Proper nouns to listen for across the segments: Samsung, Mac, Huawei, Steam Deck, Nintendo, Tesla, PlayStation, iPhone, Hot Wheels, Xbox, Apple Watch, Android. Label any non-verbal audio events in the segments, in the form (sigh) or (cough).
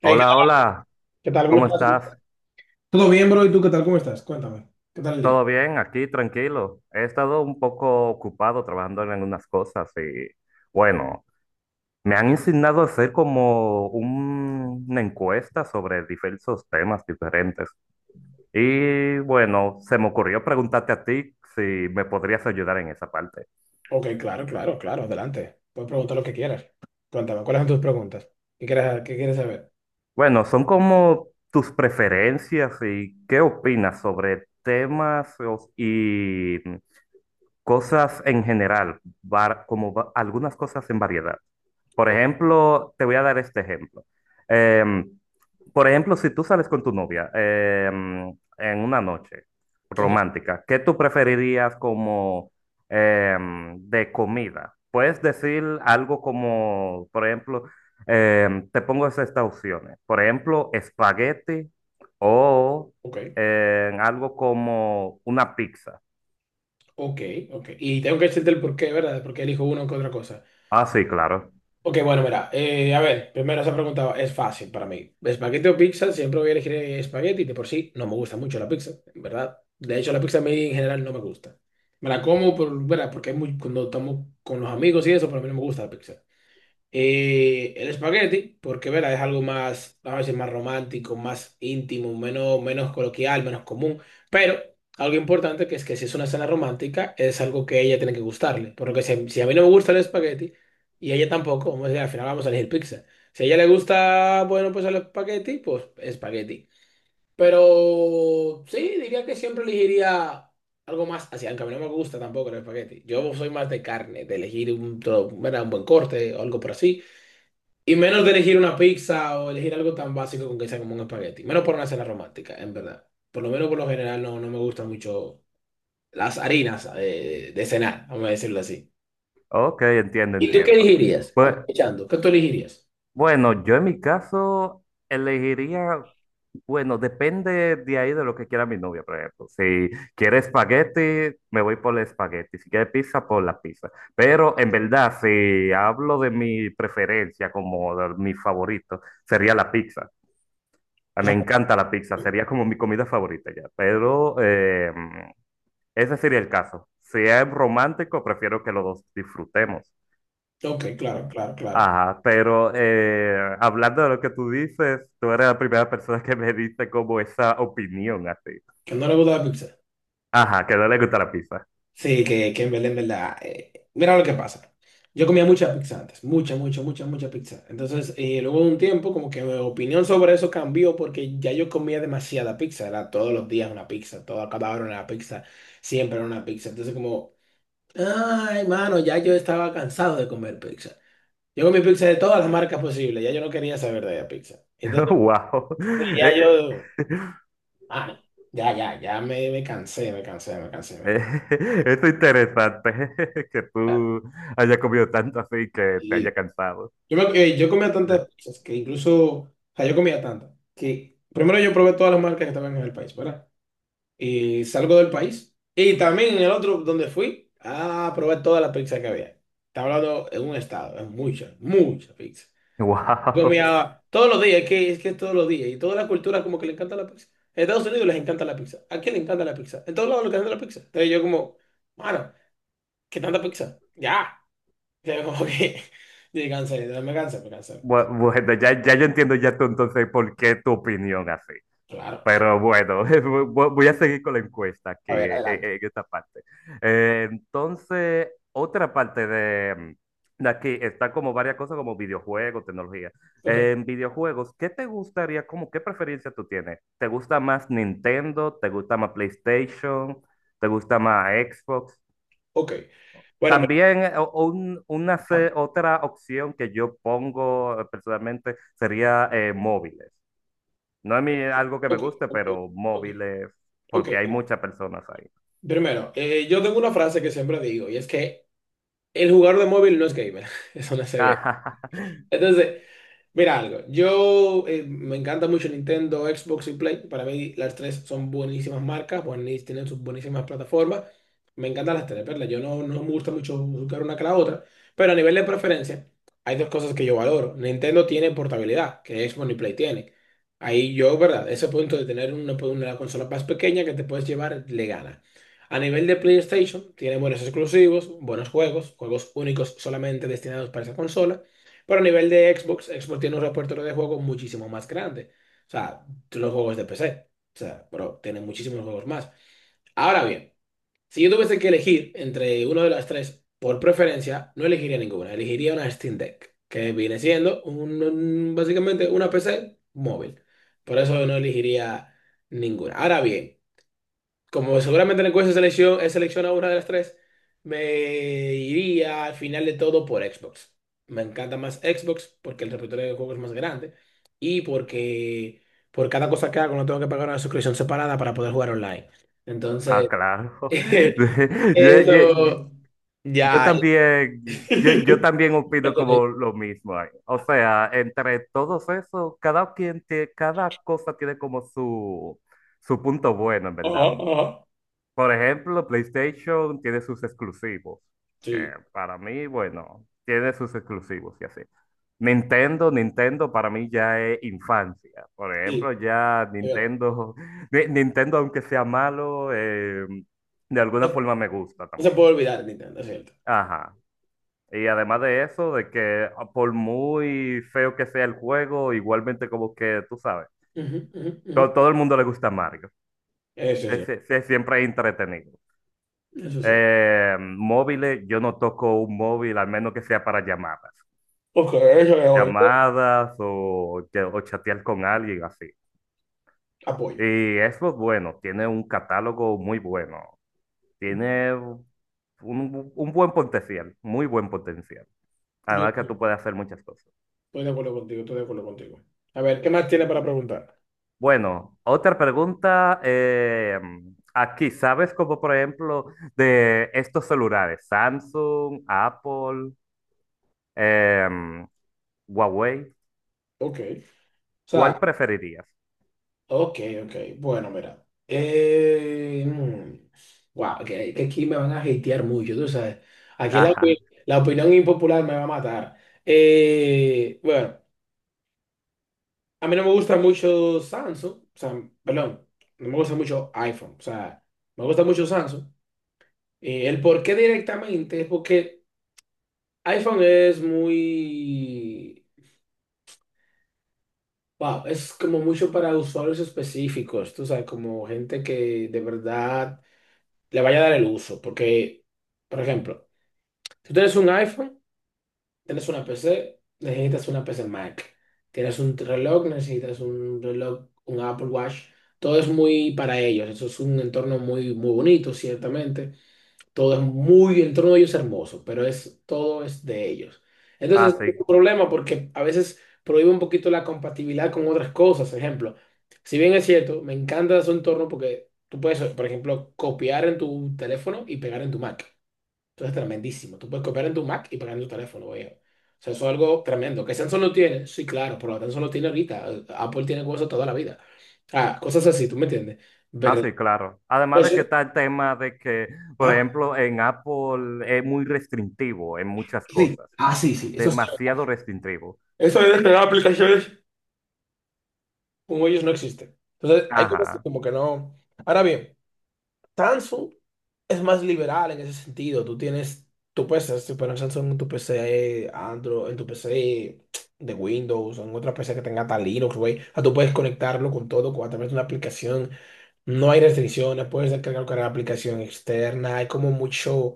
Hey, ¿qué tal? Hola, hola, ¿Qué tal? ¿Cómo ¿cómo estás? estás? Todo bien, bro. ¿Y tú qué tal? ¿Cómo estás? Cuéntame. ¿Qué tal el día? ¿Todo bien? Aquí, tranquilo. He estado un poco ocupado trabajando en algunas cosas y bueno, me han insignado hacer como una encuesta sobre diversos temas diferentes. Y bueno, se me ocurrió preguntarte a ti si me podrías ayudar en esa parte. Ok, claro, claro, claro, adelante. Puedes preguntar lo que quieras. Cuéntame, ¿cuáles son tus preguntas? ¿Qué quieres saber? Bueno, son como tus preferencias y qué opinas sobre temas o- y Cosas en general, algunas cosas en variedad. Por O- ejemplo, te voy a dar este ejemplo. Em, por ejemplo, si tú sales con tu novia en una noche Ok, romántica, ¿qué tú preferirías como de comida? Puedes decir algo como, por ejemplo, te pongo estas opciones. Por ejemplo, espagueti o ok, algo como una pizza. ok, ok. Y tengo que decirte el porqué, ¿verdad? De por qué, ¿verdad? Porque elijo uno que otra cosa. Ah, sí, claro. Ok, bueno, mira, a ver, primero esa pregunta es fácil para mí. ¿Espagueti o pizza? Siempre voy a elegir espagueti, de por sí no me gusta mucho la pizza, en ¿verdad? De hecho, la pizza a mí en general no me gusta. Me la como por, ¿verdad? Porque es muy, cuando estamos con los amigos y eso, pero a mí no me gusta la pizza. El espagueti, porque verá, es algo más, vamos a decir, más romántico, más íntimo, menos, menos coloquial, menos común. Pero algo importante que es que si es una cena romántica, es algo que a ella tiene que gustarle. Por lo que si a mí no me gusta el espagueti y a ella tampoco, vamos a decir, al final vamos a elegir pizza. Si a ella le gusta, bueno, pues el espagueti, pues espagueti. Pero sí, diría que siempre elegiría algo más así, aunque a mí no me gusta tampoco el espagueti. Yo soy más de carne, de elegir un, ¿verdad? Un buen corte o algo por así. Y menos de elegir una pizza o elegir algo tan básico con que sea como un espagueti. Menos por una cena romántica, en verdad. Por lo menos por lo general no me gustan mucho las harinas de cenar, vamos a decirlo así. Ok, entiendo, ¿Y tú qué entiendo. elegirías? Pues Aprovechando, ¿qué tú elegirías? bueno, yo en mi caso elegiría, bueno, depende de ahí de lo que quiera mi novia, por ejemplo. Si quiere espagueti, me voy por el espagueti. Si quiere pizza, por la pizza. Pero en verdad, si hablo de mi preferencia como de mi favorito, sería la pizza. A mí me O encanta la pizza, sería como mi comida favorita ya. Pero ese sería el caso. Si es romántico, prefiero que los dos disfrutemos. sea, ok, claro, claro, claro. Ajá, pero hablando de lo que tú dices, tú eres la primera persona que me dice como esa opinión así. Que no le gusta la pizza. Ajá, que no le gusta la pizza. Sí, que en verdad, en verdad. Mira lo que pasa. Yo comía mucha pizza antes, mucha, mucha, mucha, mucha pizza. Entonces, luego de un tiempo, como que mi opinión sobre eso cambió porque ya yo comía demasiada pizza. Era todos los días una pizza, toda cada hora una pizza, siempre era una pizza. Entonces, como, ay, mano, ya yo estaba cansado de comer pizza. Yo comí pizza de todas las marcas posibles, ya yo no quería saber de la pizza. (laughs) Entonces, Wow. ya Eh, yo, ah, ya, ya, ya me cansé, me cansé, me cansé, me eh, cansé. (laughs) es interesante (laughs) que tú hayas comido tanto así que te haya cansado. Yo comía Eh, tantas pizzas que incluso, o sea, yo comía tantas que primero yo probé todas las marcas que estaban en el país, ¿verdad? Y salgo del país y también en el otro donde fui a probar todas las pizzas que había. Está hablando en un estado, es mucha, mucha pizza. Yo Wow. (laughs) comía todos los días, es que es todos los días y todas las culturas como que le encanta la pizza. En Estados Unidos les encanta la pizza, aquí le encanta la pizza, en todos lados les encanta la pizza. Entonces yo como, mano, ¿qué tanta pizza? Ya, (laughs) o sea, como que, (laughs) me cansé, me cansé, me cansé. Me Bu- cansé. Bueno, ya, ya yo entiendo ya tú entonces por qué tu opinión así. Claro, Pero bueno, (laughs) voy a seguir con la encuesta aquí a ver, adelante. en esta parte. Entonces, otra parte de, de aquí está como varias cosas como videojuegos, tecnología. Ok, En videojuegos, ¿qué te gustaría, como qué preferencia tú tienes? ¿Te gusta más Nintendo? ¿Te gusta más PlayStation? ¿Te gusta más Xbox? ok. Bueno, mira, También o un- una se- otra opción que yo pongo personalmente sería móviles. No es mi- algo que me ok, guste, ok, pero ok, móviles, ok, porque hay mira. muchas personas ahí. Primero, yo tengo una frase que siempre digo y es que el jugador de móvil no es gamer. (laughs) Eso no es gamer. (laughs) Entonces, mira algo, yo me encanta mucho Nintendo, Xbox y Play. Para mí las tres son buenísimas marcas, tienen sus buenísimas plataformas. Me encantan las tres, ¿verdad? Yo no, no me gusta mucho buscar una que la otra, pero a nivel de preferencia hay dos cosas que yo valoro. Nintendo tiene portabilidad, que Xbox y Play tienen. Ahí yo, ¿verdad? Ese punto de tener una, pues, una consola más pequeña que te puedes llevar le gana. A nivel de PlayStation, tiene buenos exclusivos, buenos juegos, juegos únicos solamente destinados para esa consola. Pero a nivel de Xbox, Xbox tiene un repertorio de juegos muchísimo más grande. O sea, los juegos de PC. O sea, pero tiene muchísimos juegos más. Ahora bien, si yo tuviese que elegir entre uno de las tres, por preferencia, no elegiría ninguna. Elegiría una Steam Deck, que viene siendo básicamente una PC móvil. Por eso no elegiría ninguna. Ahora bien, como seguramente el encuesta selección, he seleccionado una de las tres, me iría al final de todo por Xbox. Me encanta más Xbox porque el repertorio de juegos es más grande y porque por cada cosa que hago no tengo que pagar una suscripción separada para poder jugar online. Ah, Entonces, claro. (laughs) (laughs) Yo, yo- eso yo ya es. también, (laughs) yo también ¿Qué opino tenéis? como lo mismo ahí. O sea, entre todos esos, cada cosa tiene como su punto bueno, en Ajá, verdad. ajá. Por ejemplo, PlayStation tiene sus exclusivos, que Sí, para mí, bueno, tiene sus exclusivos y así. Nintendo, Nintendo para mí ya es infancia. Por ejemplo, sí, ya es verdad. Nintendo, (laughs) Nintendo aunque sea malo, de No, alguna forma me gusta no se también. puede olvidar Nintendo, es cierto. Ajá. Y además de eso, de que ah, por muy feo que sea el juego, igualmente como que, tú sabes, Ujú, ujú, ujú. todo el mundo le gusta Mario. Eso Se- sí, se- se- siempre es entretenido. eso sí. Móviles, yo no toco un móvil, al menos que sea para llamadas. Ok, eso es bueno. Llamadas o, o chatear con alguien así. Apoyo. Y eso es bueno, tiene un catálogo muy bueno. Tiene un buen potencial, muy buen potencial. Yo Además que tú estoy puedes hacer muchas cosas. de acuerdo contigo, estoy de acuerdo contigo. A ver, ¿qué más tiene para preguntar? Bueno, otra pregunta aquí, ¿sabes como por ejemplo de estos celulares, Samsung, Apple, em, Huawei? Ok. O sea, ¿Cuál preferirías? ok, ok. Bueno, mira. Wow, que aquí me van a hatear mucho, tú sabes. Aquí la, Ajá, la opinión impopular me va a matar. Bueno, a mí no me gusta mucho Samsung. O sea, perdón, no me gusta mucho iPhone. O sea, me gusta mucho Samsung. El por qué directamente es porque iPhone es muy... Wow, es como mucho para usuarios específicos, tú sabes, como gente que de verdad le vaya a dar el uso, porque, por ejemplo, si tú tienes un iPhone, tienes una PC, necesitas una PC Mac, tienes un reloj, necesitas un reloj, un Apple Watch, todo es muy para ellos, eso es un entorno muy, muy bonito, ciertamente, todo es muy, el entorno de ellos es hermoso, pero es, todo es de ellos. Entonces, es así, un problema porque a veces prohíbe un poquito la compatibilidad con otras cosas. Ejemplo, si bien es cierto, me encanta su entorno porque tú puedes, por ejemplo, copiar en tu teléfono y pegar en tu Mac. Eso es tremendísimo. Tú puedes copiar en tu Mac y pegar en tu teléfono, viejo. O sea, eso es algo tremendo. ¿Que Samsung lo tiene? Sí, claro, pero Samsung lo tiene ahorita. Apple tiene cosas toda la vida. Ah, cosas así, ¿tú me entiendes? Verdad así, claro. Además de que Eso- está el tema de que, por ajá, ejemplo, en Apple es muy restrictivo en muchas sí. cosas, Ah, sí, sí. Eso es demasiado restrictivo. eso de descargar aplicaciones como ellos no existe. Entonces, hay cosas que Ajá, como que no. Ahora bien, Samsung es más liberal en ese sentido. Tú tienes tu PC, si pones Samsung en tu PC, Android, en tu PC de Windows, o en otra PC que tenga tal Linux, güey. O sea, tú puedes conectarlo con todo a través de una aplicación. No hay restricciones, puedes descargar cualquier aplicación externa. Hay como mucho.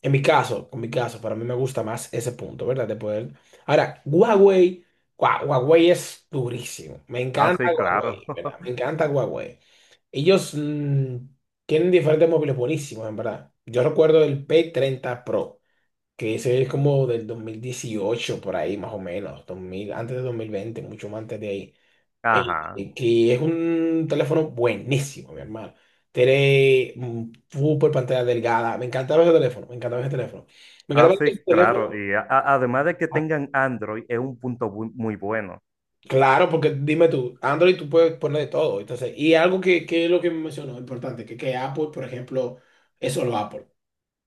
En mi caso, para mí me gusta más ese punto, ¿verdad? De poder. Ahora, Huawei, Huawei es durísimo. Me encanta así, claro. Huawei, (laughs) ¿verdad? Me encanta Huawei. Ellos tienen diferentes móviles buenísimos, en verdad. Yo recuerdo el P30 Pro, que ese es como del 2018 por ahí, más o menos, 2000 antes de 2020, mucho más antes de ahí eh, Ajá, que es un teléfono buenísimo, mi hermano. Tiene super pantalla delgada. Me encantaba ese teléfono, me encantaba ese teléfono. Me encantaba así, ese claro. teléfono. Y además de que Ah, tengan Android, es un muy bueno. claro, porque dime tú, Android tú puedes poner de todo. Entonces, y algo que es lo que me mencionó, importante, que Apple, por ejemplo, es solo Apple.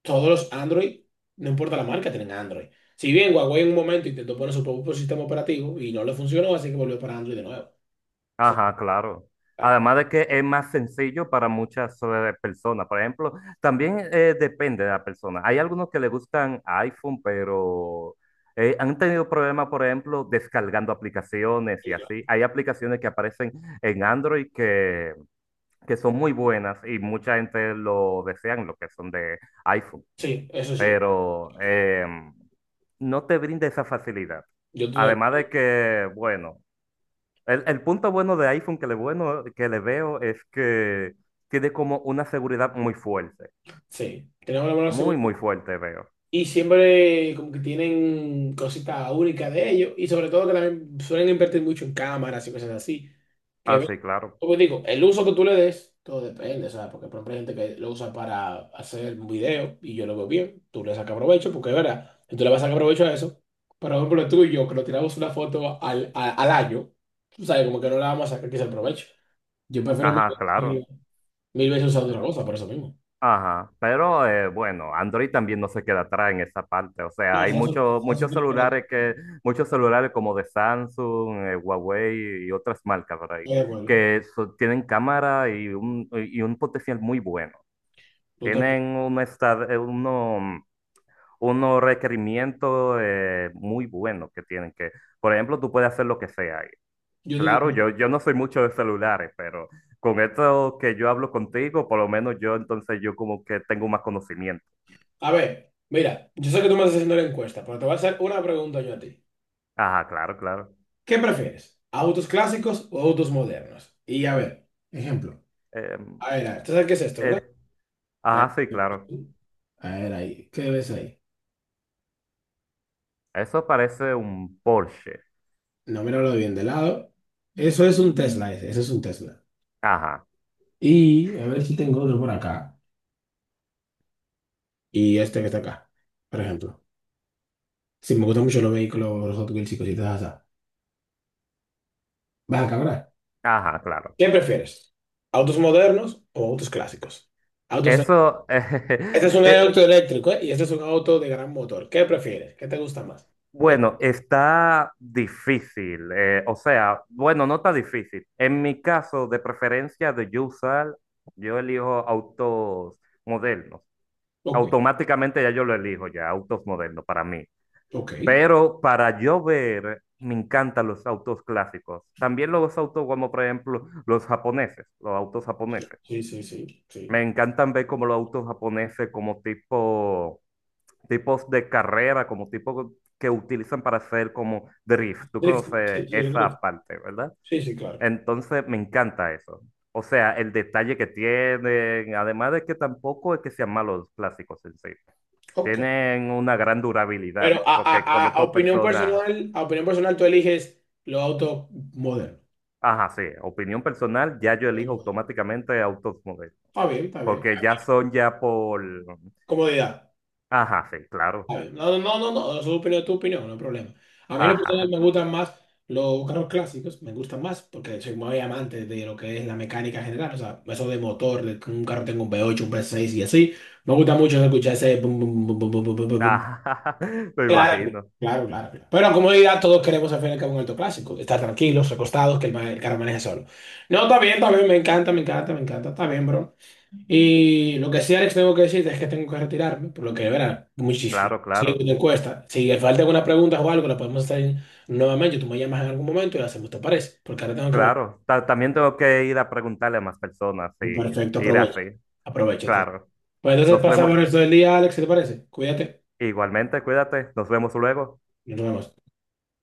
Todos los Android, no importa la marca, tienen Android. Si bien Huawei en un momento intentó poner su propio sistema operativo y no le funcionó, así que volvió para Android de nuevo. O sea, Ajá, claro. ah, Además de que es más sencillo para muchas personas. Por ejemplo, también depende de la persona. Hay algunos que le gustan iPhone, pero han tenido problemas, por ejemplo, descargando aplicaciones y así. Hay aplicaciones que aparecen en Android que son muy buenas y mucha gente lo desean, lo que son de iPhone, sí, eso es cierto. pero no te brinda esa facilidad. Yo te Además de que, bueno. El punto bueno de iPhone que le, bueno, que le veo es que tiene como una seguridad muy fuerte. Sí, tenemos la buena Muy, seguridad. muy fuerte veo. Y siempre como que tienen cositas únicas de ellos. Y sobre todo que también suelen invertir mucho en cámaras y cosas así. Ah, Que, sí, claro. como digo, el uso que tú le des, todo depende, ¿sabes? Porque por ejemplo hay gente que lo usa para hacer un video y yo lo veo bien. Tú le sacas provecho, porque es verdad. Y tú le vas a sacar provecho a eso. Pero por ejemplo tú y yo, que nos tiramos una foto al año, tú sabes, como que no la vamos a sacar quizá el provecho. Yo prefiero mil Ajá, veces, claro. mil veces usar otra cosa, por eso mismo. Ajá. Pero bueno, Android también no se queda atrás en esa parte. O sea, No, hay Samsung, muchos Samsung muchos tiene buena celulares que, cámara. muchos celulares como de Samsung, Huawei y otras marcas, ¿verdad? Bueno, Tienen cámara y un potencial muy bueno. tú también. Tienen una, unos requerimientos muy buenos que tienen que, por ejemplo, tú puedes hacer lo que sea ahí. Yo te Claro, tengo- yo no soy mucho de celulares, pero con esto que yo hablo contigo, por lo menos yo entonces yo como que tengo más conocimiento. A ver, mira, yo sé que tú me estás haciendo la encuesta, pero te voy a hacer una pregunta yo a ti. Ajá, claro, claro. ¿Qué prefieres? ¿Autos clásicos o autos modernos? Y a ver, ejemplo. Eh, A ver, ¿tú sabes qué es esto, verdad? es- A ver, ajá, sí, claro. a ver, ahí, ¿qué ves ahí? Eso parece un Porsche. No, míralo bien de lado. Eso es un Tesla, ese es un Tesla. Ajá, Y a ver si tengo otro por acá. Y este que está acá, por ejemplo. Si me gustan mucho los vehículos, los Hot Wheels y cositas así. Vas acá, ¿verdad? ajá, claro. ¿Qué prefieres? ¿Autos modernos o autos clásicos? Autos de- Eso, Este es (laughs) un eh, auto eléctrico, ¿eh? Y este es un auto de gran motor. ¿Qué prefieres? ¿Qué te gusta más? ¿Qué- Bueno, está difícil. O sea, bueno, no está difícil. En mi caso, de preferencia de yo usar, yo elijo autos modernos. Ok, Automáticamente ya yo lo elijo, ya autos modernos para mí. ok, Pero para yo ver, me encantan los autos clásicos. También los autos como, por ejemplo, los japoneses, los autos sí, japoneses. sí, sí, sí, sí. Me encantan ver como los autos japoneses como tipo tipos de carrera, como tipos que utilizan para hacer como drift. Tú Drifting. Sí, conoces sí, un esa drifting. parte, ¿verdad? Sí, sí, claro. Entonces me encanta eso. O sea, el detalle que tienen, además de que tampoco es que sean malos los plásticos en sí. Ok. Tienen una gran Pero durabilidad, porque conozco personas, a opinión personal, tú eliges los autos modernos. ajá, sí, opinión personal, ya yo elijo automáticamente autos modelo, Está bien, está bien. porque ya son ya por, Comodidad. ajá, sí, claro, ¿Sabes? No, no, no, no, no, su opinión es tu opinión, no hay problema. A mí en lo personal ajá, me gustan más los carros clásicos, me gustan más porque soy muy amante de lo que es la mecánica general, o sea, eso de motor, de que un carro tenga un V8, un V6 y así. Me gusta mucho escuchar ese... bum, bum, bum, bum, bum, bum, bum, bum, bum. ajá, (laughs) me Claro, imagino, claro, claro, claro. Pero en comodidad todos queremos al fin y al cabo un auto clásico, estar tranquilos, recostados, que el, el carro maneje solo. No, está bien, me encanta, me encanta, me encanta, está bien, bro. Y lo que sí, Alex, tengo que decirte es que tengo que retirarme, por lo que, de verdad, muchísimo. claro, Sí, claro. te cuesta. Si te falta alguna pregunta o algo, la podemos hacer nuevamente. Tú me llamas en algún momento y la hacemos, ¿te parece? Porque ahora tengo que mover. Claro, también tengo que ir a preguntarle a más personas y Perfecto, ir aprovecho. así. Aprovecho entonces. Claro, Pues entonces nos pasamos vemos el resto del día, Alex, ¿te parece? Cuídate, igualmente, cuídate, nos vemos luego. nos vemos.